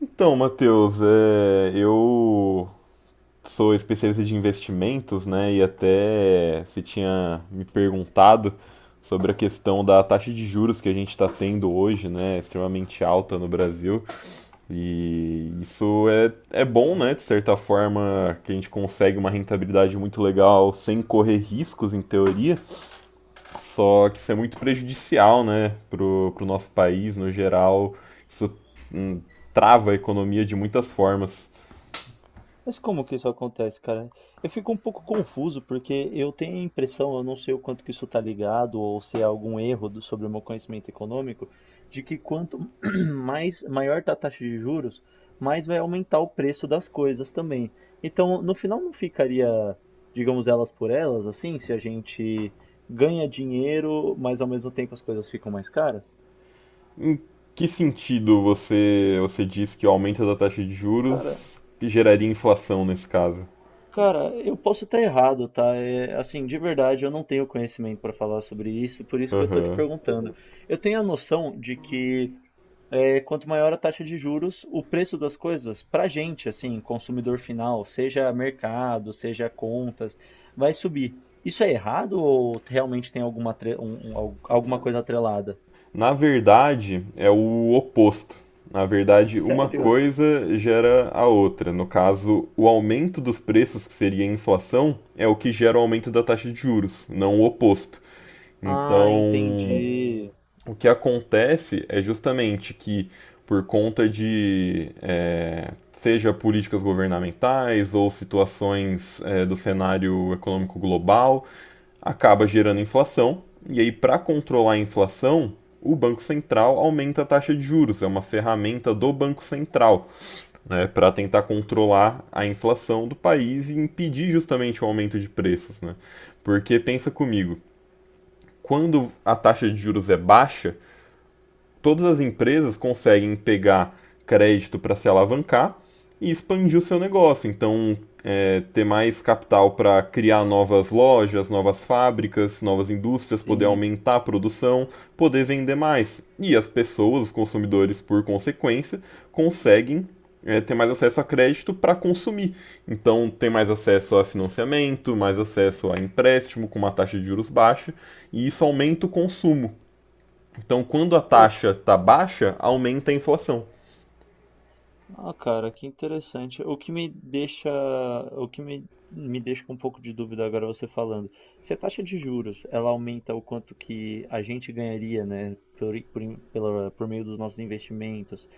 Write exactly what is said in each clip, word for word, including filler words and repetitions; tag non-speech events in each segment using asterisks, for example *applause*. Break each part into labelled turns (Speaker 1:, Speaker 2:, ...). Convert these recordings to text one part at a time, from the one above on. Speaker 1: Então, Matheus, é, eu sou especialista de investimentos, né? E até você tinha me perguntado sobre a questão da taxa de juros que a gente está tendo hoje, né? Extremamente alta no Brasil. E isso é, é bom, né?
Speaker 2: É.
Speaker 1: De certa forma, que a gente consegue uma rentabilidade muito legal sem correr riscos, em teoria. Só que isso é muito prejudicial, né, pro, pro nosso país no geral. Isso hum, trava a economia de muitas formas.
Speaker 2: Mas como que isso acontece, cara? Eu fico um pouco confuso porque eu tenho a impressão, eu não sei o quanto que isso está ligado ou se é algum erro do- sobre o meu conhecimento econômico, de que quanto *clears throat* mais maior tá a taxa de juros, mais vai aumentar o preço das coisas também. Então, no final não ficaria, digamos, elas por elas, assim, se a gente ganha dinheiro, mas ao mesmo tempo as coisas ficam mais caras?
Speaker 1: Em que sentido você, você diz que o aumento da taxa de juros geraria inflação nesse caso?
Speaker 2: Cara, eu posso estar errado, tá? É, assim, de verdade, eu não tenho conhecimento para falar sobre isso, por isso que eu tô te
Speaker 1: Aham.
Speaker 2: perguntando. Uhum. Eu tenho a noção de que é, quanto maior a taxa de juros, o preço das coisas, pra gente, assim, consumidor final, seja mercado, seja contas, vai subir. Isso é errado ou realmente tem alguma, atre- um- um- al- alguma coisa atrelada?
Speaker 1: Na verdade, é o oposto. Na verdade, uma
Speaker 2: Sério?
Speaker 1: coisa gera a outra. No caso, o aumento dos preços, que seria a inflação, é o que gera o aumento da taxa de juros, não o oposto.
Speaker 2: Ah,
Speaker 1: Então,
Speaker 2: entendi.
Speaker 1: o que acontece é justamente que, por conta de, é, seja políticas governamentais ou situações é, do cenário econômico global, acaba gerando inflação. E aí, para controlar a inflação, o Banco Central aumenta a taxa de juros, é uma ferramenta do Banco Central né, para tentar controlar a inflação do país e impedir justamente o aumento de preços. Né? Porque pensa comigo, quando a taxa de juros é baixa, todas as empresas conseguem pegar crédito para se alavancar e expandir o seu negócio. Então, é, ter mais capital para criar novas lojas, novas fábricas, novas indústrias, poder
Speaker 2: Sim.
Speaker 1: aumentar a produção, poder vender mais. E as pessoas, os consumidores, por consequência, conseguem é, ter mais acesso a crédito para consumir. Então, tem mais acesso a financiamento, mais acesso a empréstimo com uma taxa de juros baixa, e isso aumenta o consumo. Então, quando a
Speaker 2: Pô,
Speaker 1: taxa tá baixa, aumenta a inflação.
Speaker 2: Ah, cara, que interessante. O que me deixa, o que me, me deixa com um pouco de dúvida agora você falando. Se a taxa de juros, ela aumenta o quanto que a gente ganharia, né, por, por, in- pela- por meio dos nossos investimentos,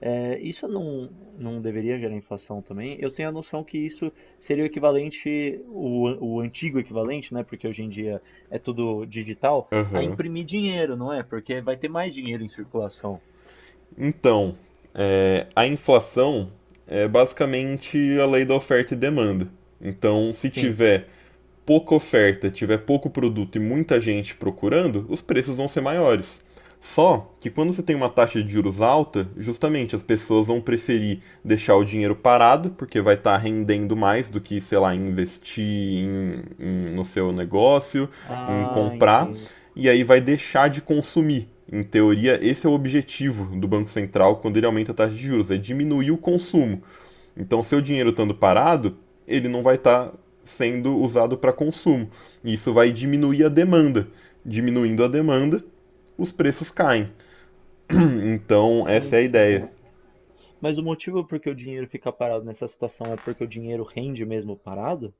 Speaker 2: é, isso não, não deveria gerar inflação também? Eu tenho a noção que isso seria o equivalente, o, an- o antigo equivalente, né, porque hoje em dia é tudo digital, a
Speaker 1: Aham.
Speaker 2: imprimir dinheiro, não é? Porque vai ter mais dinheiro em circulação.
Speaker 1: Então, é, a inflação é basicamente a lei da oferta e demanda. Então, se
Speaker 2: Sim.
Speaker 1: tiver pouca oferta, tiver pouco produto e muita gente procurando, os preços vão ser maiores. Só que quando você tem uma taxa de juros alta, justamente as pessoas vão preferir deixar o dinheiro parado, porque vai estar rendendo mais do que, sei lá, investir em- em- no seu negócio, em
Speaker 2: Ah,
Speaker 1: comprar,
Speaker 2: entendo.
Speaker 1: e aí vai deixar de consumir. Em teoria, esse é o objetivo do Banco Central quando ele aumenta a taxa de juros, é diminuir o consumo. Então, seu dinheiro estando parado, ele não vai estar sendo usado para consumo. E isso vai diminuir a demanda. Diminuindo a demanda, os preços caem. Então, essa é a ideia.
Speaker 2: Entendo. Mas o motivo por que o dinheiro fica parado nessa situação é porque o dinheiro rende mesmo parado?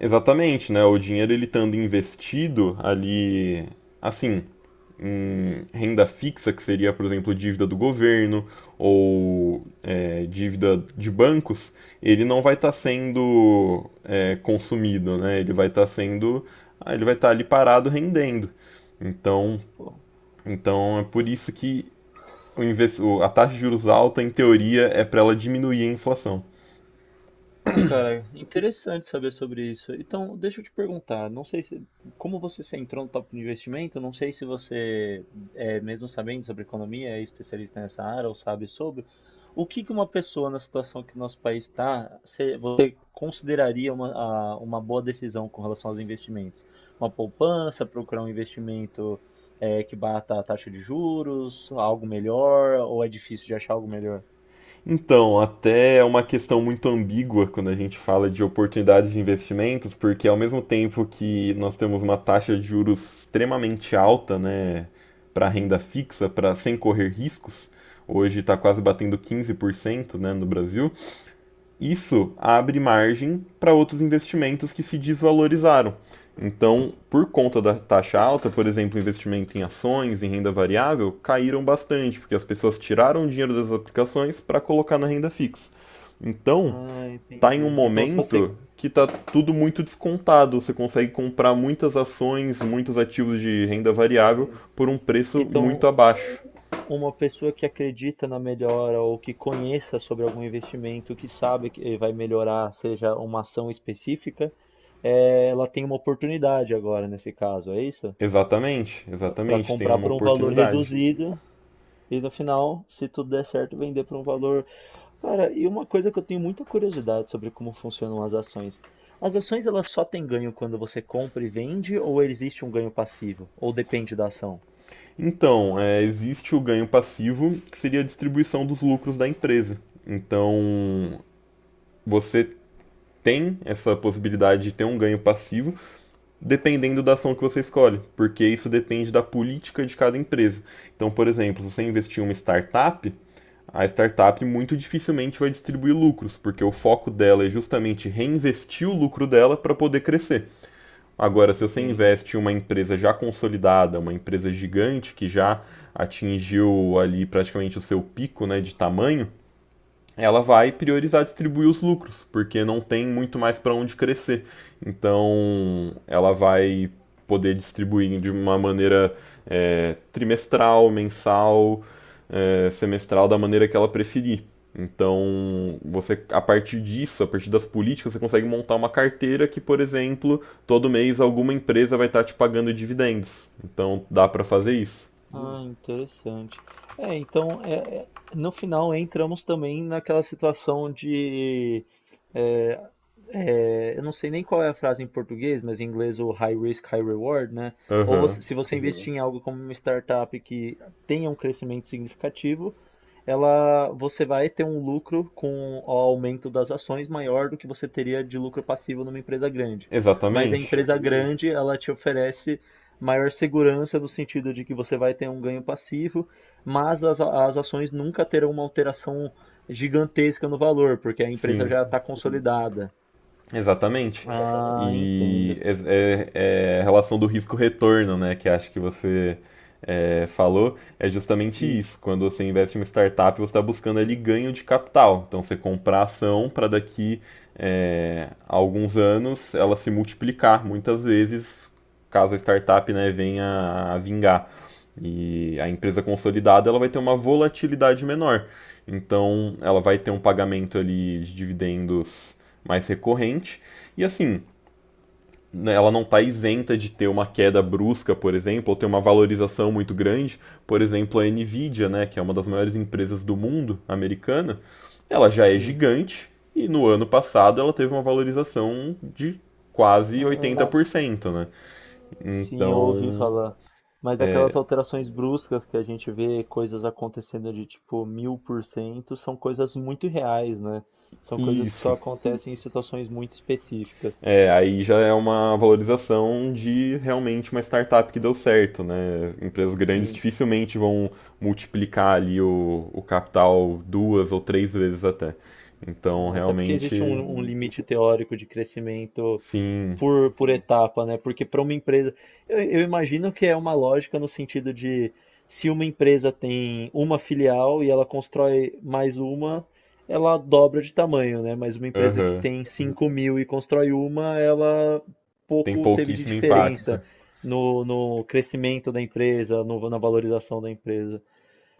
Speaker 1: Exatamente, né? O dinheiro ele estando investido ali, assim, em renda fixa, que seria, por exemplo, dívida do governo ou é, dívida de bancos, ele não vai estar sendo é, consumido, né? Ele vai estar sendo, ah, ele vai estar ali parado rendendo. Então,
Speaker 2: Pô.
Speaker 1: então é por isso que o inves- o- a taxa de juros alta, em teoria, é para ela diminuir a inflação.
Speaker 2: Ah, cara, interessante saber sobre isso. Então, deixa eu te perguntar, não sei se, como você se entrou no tópico de investimento, não sei se você, é, mesmo sabendo sobre economia, é especialista nessa área ou sabe sobre, o que que uma pessoa na situação que o nosso país está, se- você consideraria uma, a- uma boa decisão com relação aos investimentos? Uma poupança, procurar um investimento, é, que bata a taxa de juros, algo melhor, ou é difícil de achar algo melhor?
Speaker 1: Então, até é uma questão muito ambígua quando a gente fala de oportunidades de investimentos, porque ao mesmo tempo que nós temos uma taxa de juros extremamente alta, né, para renda fixa, para sem correr riscos, hoje está quase batendo quinze por cento, né, no Brasil. Isso abre margem para outros investimentos que se desvalorizaram. Então, por conta da taxa alta, por exemplo, investimento em ações, em renda variável, caíram bastante, porque as pessoas tiraram o dinheiro das aplicações para colocar na renda fixa. Então,
Speaker 2: Ah,
Speaker 1: tá em um
Speaker 2: entendi. Então, se você
Speaker 1: momento que tá tudo muito descontado, você consegue comprar muitas ações, muitos ativos de renda variável
Speaker 2: é.
Speaker 1: por um preço muito
Speaker 2: Então,
Speaker 1: abaixo.
Speaker 2: uma pessoa que acredita na melhora ou que conheça sobre algum investimento, que sabe que vai melhorar, seja uma ação específica, eh, ela tem uma oportunidade agora, nesse caso, é isso?
Speaker 1: Exatamente,
Speaker 2: Para
Speaker 1: exatamente, tem
Speaker 2: comprar
Speaker 1: uma
Speaker 2: por um valor
Speaker 1: oportunidade.
Speaker 2: reduzido e no final, se tudo der certo, vender por um valor. Cara, e uma coisa que eu tenho muita curiosidade sobre como funcionam as ações. As ações, elas só têm ganho quando você compra e vende, ou existe um ganho passivo? Ou depende da ação?
Speaker 1: Então, é, existe o ganho passivo, que seria a distribuição dos lucros da empresa. Então, você tem essa possibilidade de ter um ganho passivo, dependendo da ação que você escolhe, porque isso depende da política de cada empresa. Então, por exemplo, se você investir em uma startup, a startup muito dificilmente vai distribuir lucros, porque o foco dela é justamente reinvestir o lucro dela para poder crescer. Agora, se você
Speaker 2: Entendo.
Speaker 1: investe em uma empresa já consolidada, uma empresa gigante que já atingiu ali praticamente o seu pico, né, de tamanho, ela vai priorizar distribuir os lucros, porque não tem muito mais para onde crescer. Então, ela vai poder distribuir de uma maneira é, trimestral, mensal, é, semestral, da maneira que ela preferir. Então, você a partir disso, a partir das políticas, você consegue montar uma carteira que, por exemplo, todo mês alguma empresa vai estar te pagando dividendos. Então, dá para fazer isso.
Speaker 2: Ah, interessante. É, então, é, é- no final entramos também naquela situação de, é, é, eu não sei nem qual é a frase em português, mas em inglês o high risk, high reward, né? Ou
Speaker 1: Aham.
Speaker 2: você- se você, uhum, investir em algo como uma startup que tenha um crescimento significativo, ela, você vai ter um lucro com o aumento das ações maior do que você teria de lucro passivo numa empresa grande. Mas a
Speaker 1: Exatamente.
Speaker 2: empresa grande, ela te oferece maior segurança no sentido de que você vai ter um ganho passivo, mas as, as ações nunca terão uma alteração gigantesca no valor, porque a empresa
Speaker 1: Sim.
Speaker 2: já está, uhum, consolidada.
Speaker 1: Exatamente.
Speaker 2: Ah, entendo.
Speaker 1: E é, é- é a relação do risco-retorno, né, que acho que você é, falou, é justamente
Speaker 2: Isso.
Speaker 1: isso. Quando você investe em uma startup, você está buscando ali ganho de capital. Então, você comprar ação para daqui é, a alguns anos ela se multiplicar, muitas vezes, caso a startup, né, venha a vingar. E a empresa consolidada, ela vai ter uma volatilidade menor. Então, ela vai ter um pagamento ali de dividendos mais recorrente. E assim, né, ela não está isenta de ter uma queda brusca, por exemplo, ou ter uma valorização muito grande. Por exemplo, a Nvidia, né, que é uma das maiores empresas do mundo, americana, ela já é
Speaker 2: Sim.
Speaker 1: gigante e no ano passado ela teve uma valorização de quase oitenta
Speaker 2: Ah.
Speaker 1: por cento né?
Speaker 2: Sim, eu ouvi
Speaker 1: Então,
Speaker 2: falar. Mas
Speaker 1: é,
Speaker 2: aquelas alterações bruscas que a gente vê coisas acontecendo de tipo mil por cento são coisas muito reais, né? São
Speaker 1: e
Speaker 2: coisas que só acontecem em situações muito específicas.
Speaker 1: É, aí já é uma valorização de realmente uma startup que deu certo, né? Empresas grandes
Speaker 2: Sim.
Speaker 1: dificilmente vão multiplicar ali o, o capital duas ou três vezes até. Então,
Speaker 2: É. Até porque existe
Speaker 1: realmente,
Speaker 2: um, um limite teórico de crescimento
Speaker 1: sim,
Speaker 2: por, por etapa, né? Porque para uma empresa, eu, eu imagino que é uma lógica no sentido de se uma empresa tem uma filial e ela constrói mais uma, ela dobra de tamanho, né? Mas uma empresa que
Speaker 1: aham,
Speaker 2: tem cinco mil e constrói uma, ela
Speaker 1: tem
Speaker 2: pouco teve de
Speaker 1: pouquíssimo impacto.
Speaker 2: diferença no, no crescimento da empresa, no- na valorização da empresa.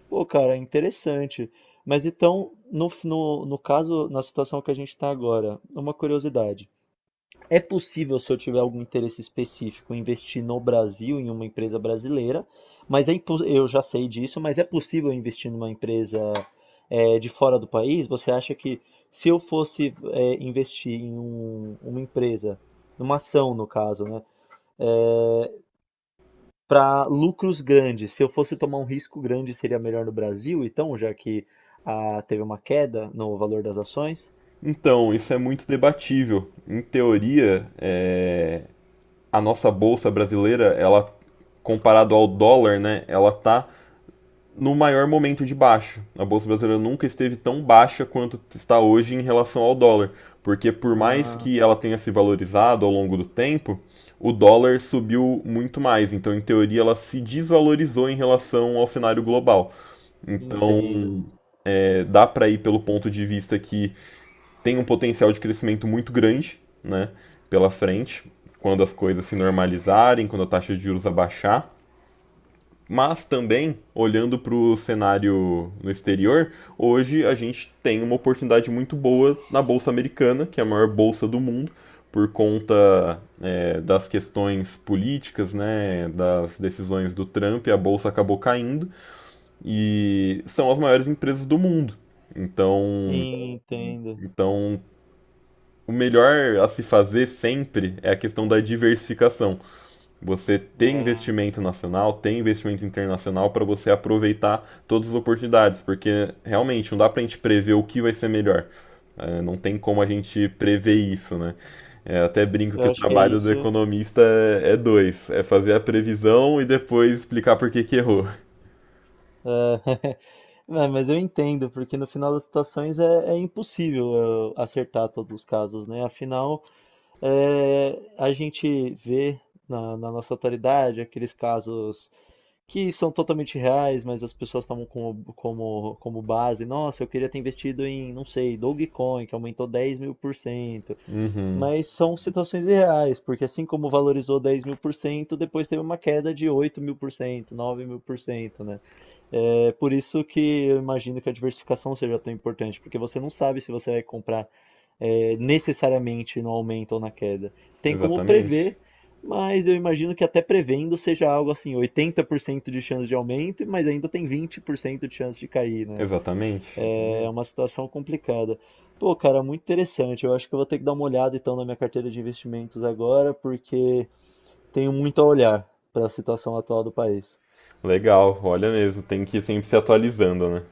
Speaker 2: Pô, cara, interessante. Mas então, no, no, no caso, na situação que a gente está agora, uma curiosidade. É possível, se eu tiver algum interesse específico, investir no Brasil em uma empresa brasileira, mas é impo- eu já sei disso, mas é possível investir numa empresa, eh, de fora do país? Você acha que se eu fosse, eh, investir em um- uma empresa, numa ação no caso, né, para lucros grandes, se eu fosse tomar um risco grande, seria melhor no Brasil, então, já que ah, teve uma queda no valor das ações?
Speaker 1: Então, isso é muito debatível. Em teoria, é, a nossa bolsa brasileira, ela comparado ao dólar, né, ela tá no maior momento de baixa. A bolsa brasileira nunca esteve tão baixa quanto está hoje em relação ao dólar, porque por mais
Speaker 2: Ah,
Speaker 1: que ela tenha se valorizado ao longo do tempo, o dólar subiu muito mais. Então, em teoria, ela se desvalorizou em relação ao cenário global. Então,
Speaker 2: entendo.
Speaker 1: é, dá para ir pelo ponto de vista que tem um potencial de crescimento muito grande, né, pela frente, quando as coisas se normalizarem, quando a taxa de juros abaixar. Mas também, olhando para o cenário no exterior, hoje a gente tem uma oportunidade muito boa na Bolsa Americana, que é a maior bolsa do mundo, por conta é, das questões políticas, né, das decisões do Trump, a Bolsa acabou caindo, e são as maiores empresas do mundo. Então,
Speaker 2: Sim, entendo.
Speaker 1: então o melhor a se fazer sempre é a questão da diversificação. Você tem
Speaker 2: É.
Speaker 1: investimento nacional, tem investimento internacional para você aproveitar todas as oportunidades, porque realmente não dá para a gente prever o que vai ser melhor. É, não tem como a gente prever isso, né? É, até brinco
Speaker 2: Eu
Speaker 1: que o
Speaker 2: acho que é
Speaker 1: trabalho do
Speaker 2: isso.
Speaker 1: economista é, é dois: é fazer a previsão e depois explicar por que que errou.
Speaker 2: *laughs* Não, mas eu entendo, porque no final das situações é, é impossível eu acertar todos os casos, né? Afinal, é, a gente vê na, na nossa atualidade aqueles casos que são totalmente reais, mas as pessoas tomam como, como, como base. Nossa, eu queria ter investido em, não sei, Dogecoin, que aumentou dez mil por cento.
Speaker 1: Uhum,
Speaker 2: Mas são situações reais, porque assim como valorizou dez mil por cento, depois teve uma queda de oito mil por cento, nove mil por cento, né? É por isso que eu imagino que a diversificação seja tão importante, porque você não sabe se você vai comprar é, necessariamente no aumento ou na queda. Tem como
Speaker 1: exatamente,
Speaker 2: prever, mas eu imagino que até prevendo seja algo assim, oitenta por cento de chance de aumento, mas ainda tem vinte por cento de chance de cair, né?
Speaker 1: exatamente.
Speaker 2: É uma situação complicada. Pô, cara, muito interessante. Eu acho que eu vou ter que dar uma olhada então na minha carteira de investimentos agora, porque tenho muito a olhar para a situação atual do país.
Speaker 1: Legal, olha mesmo, tem que ir sempre se atualizando, né?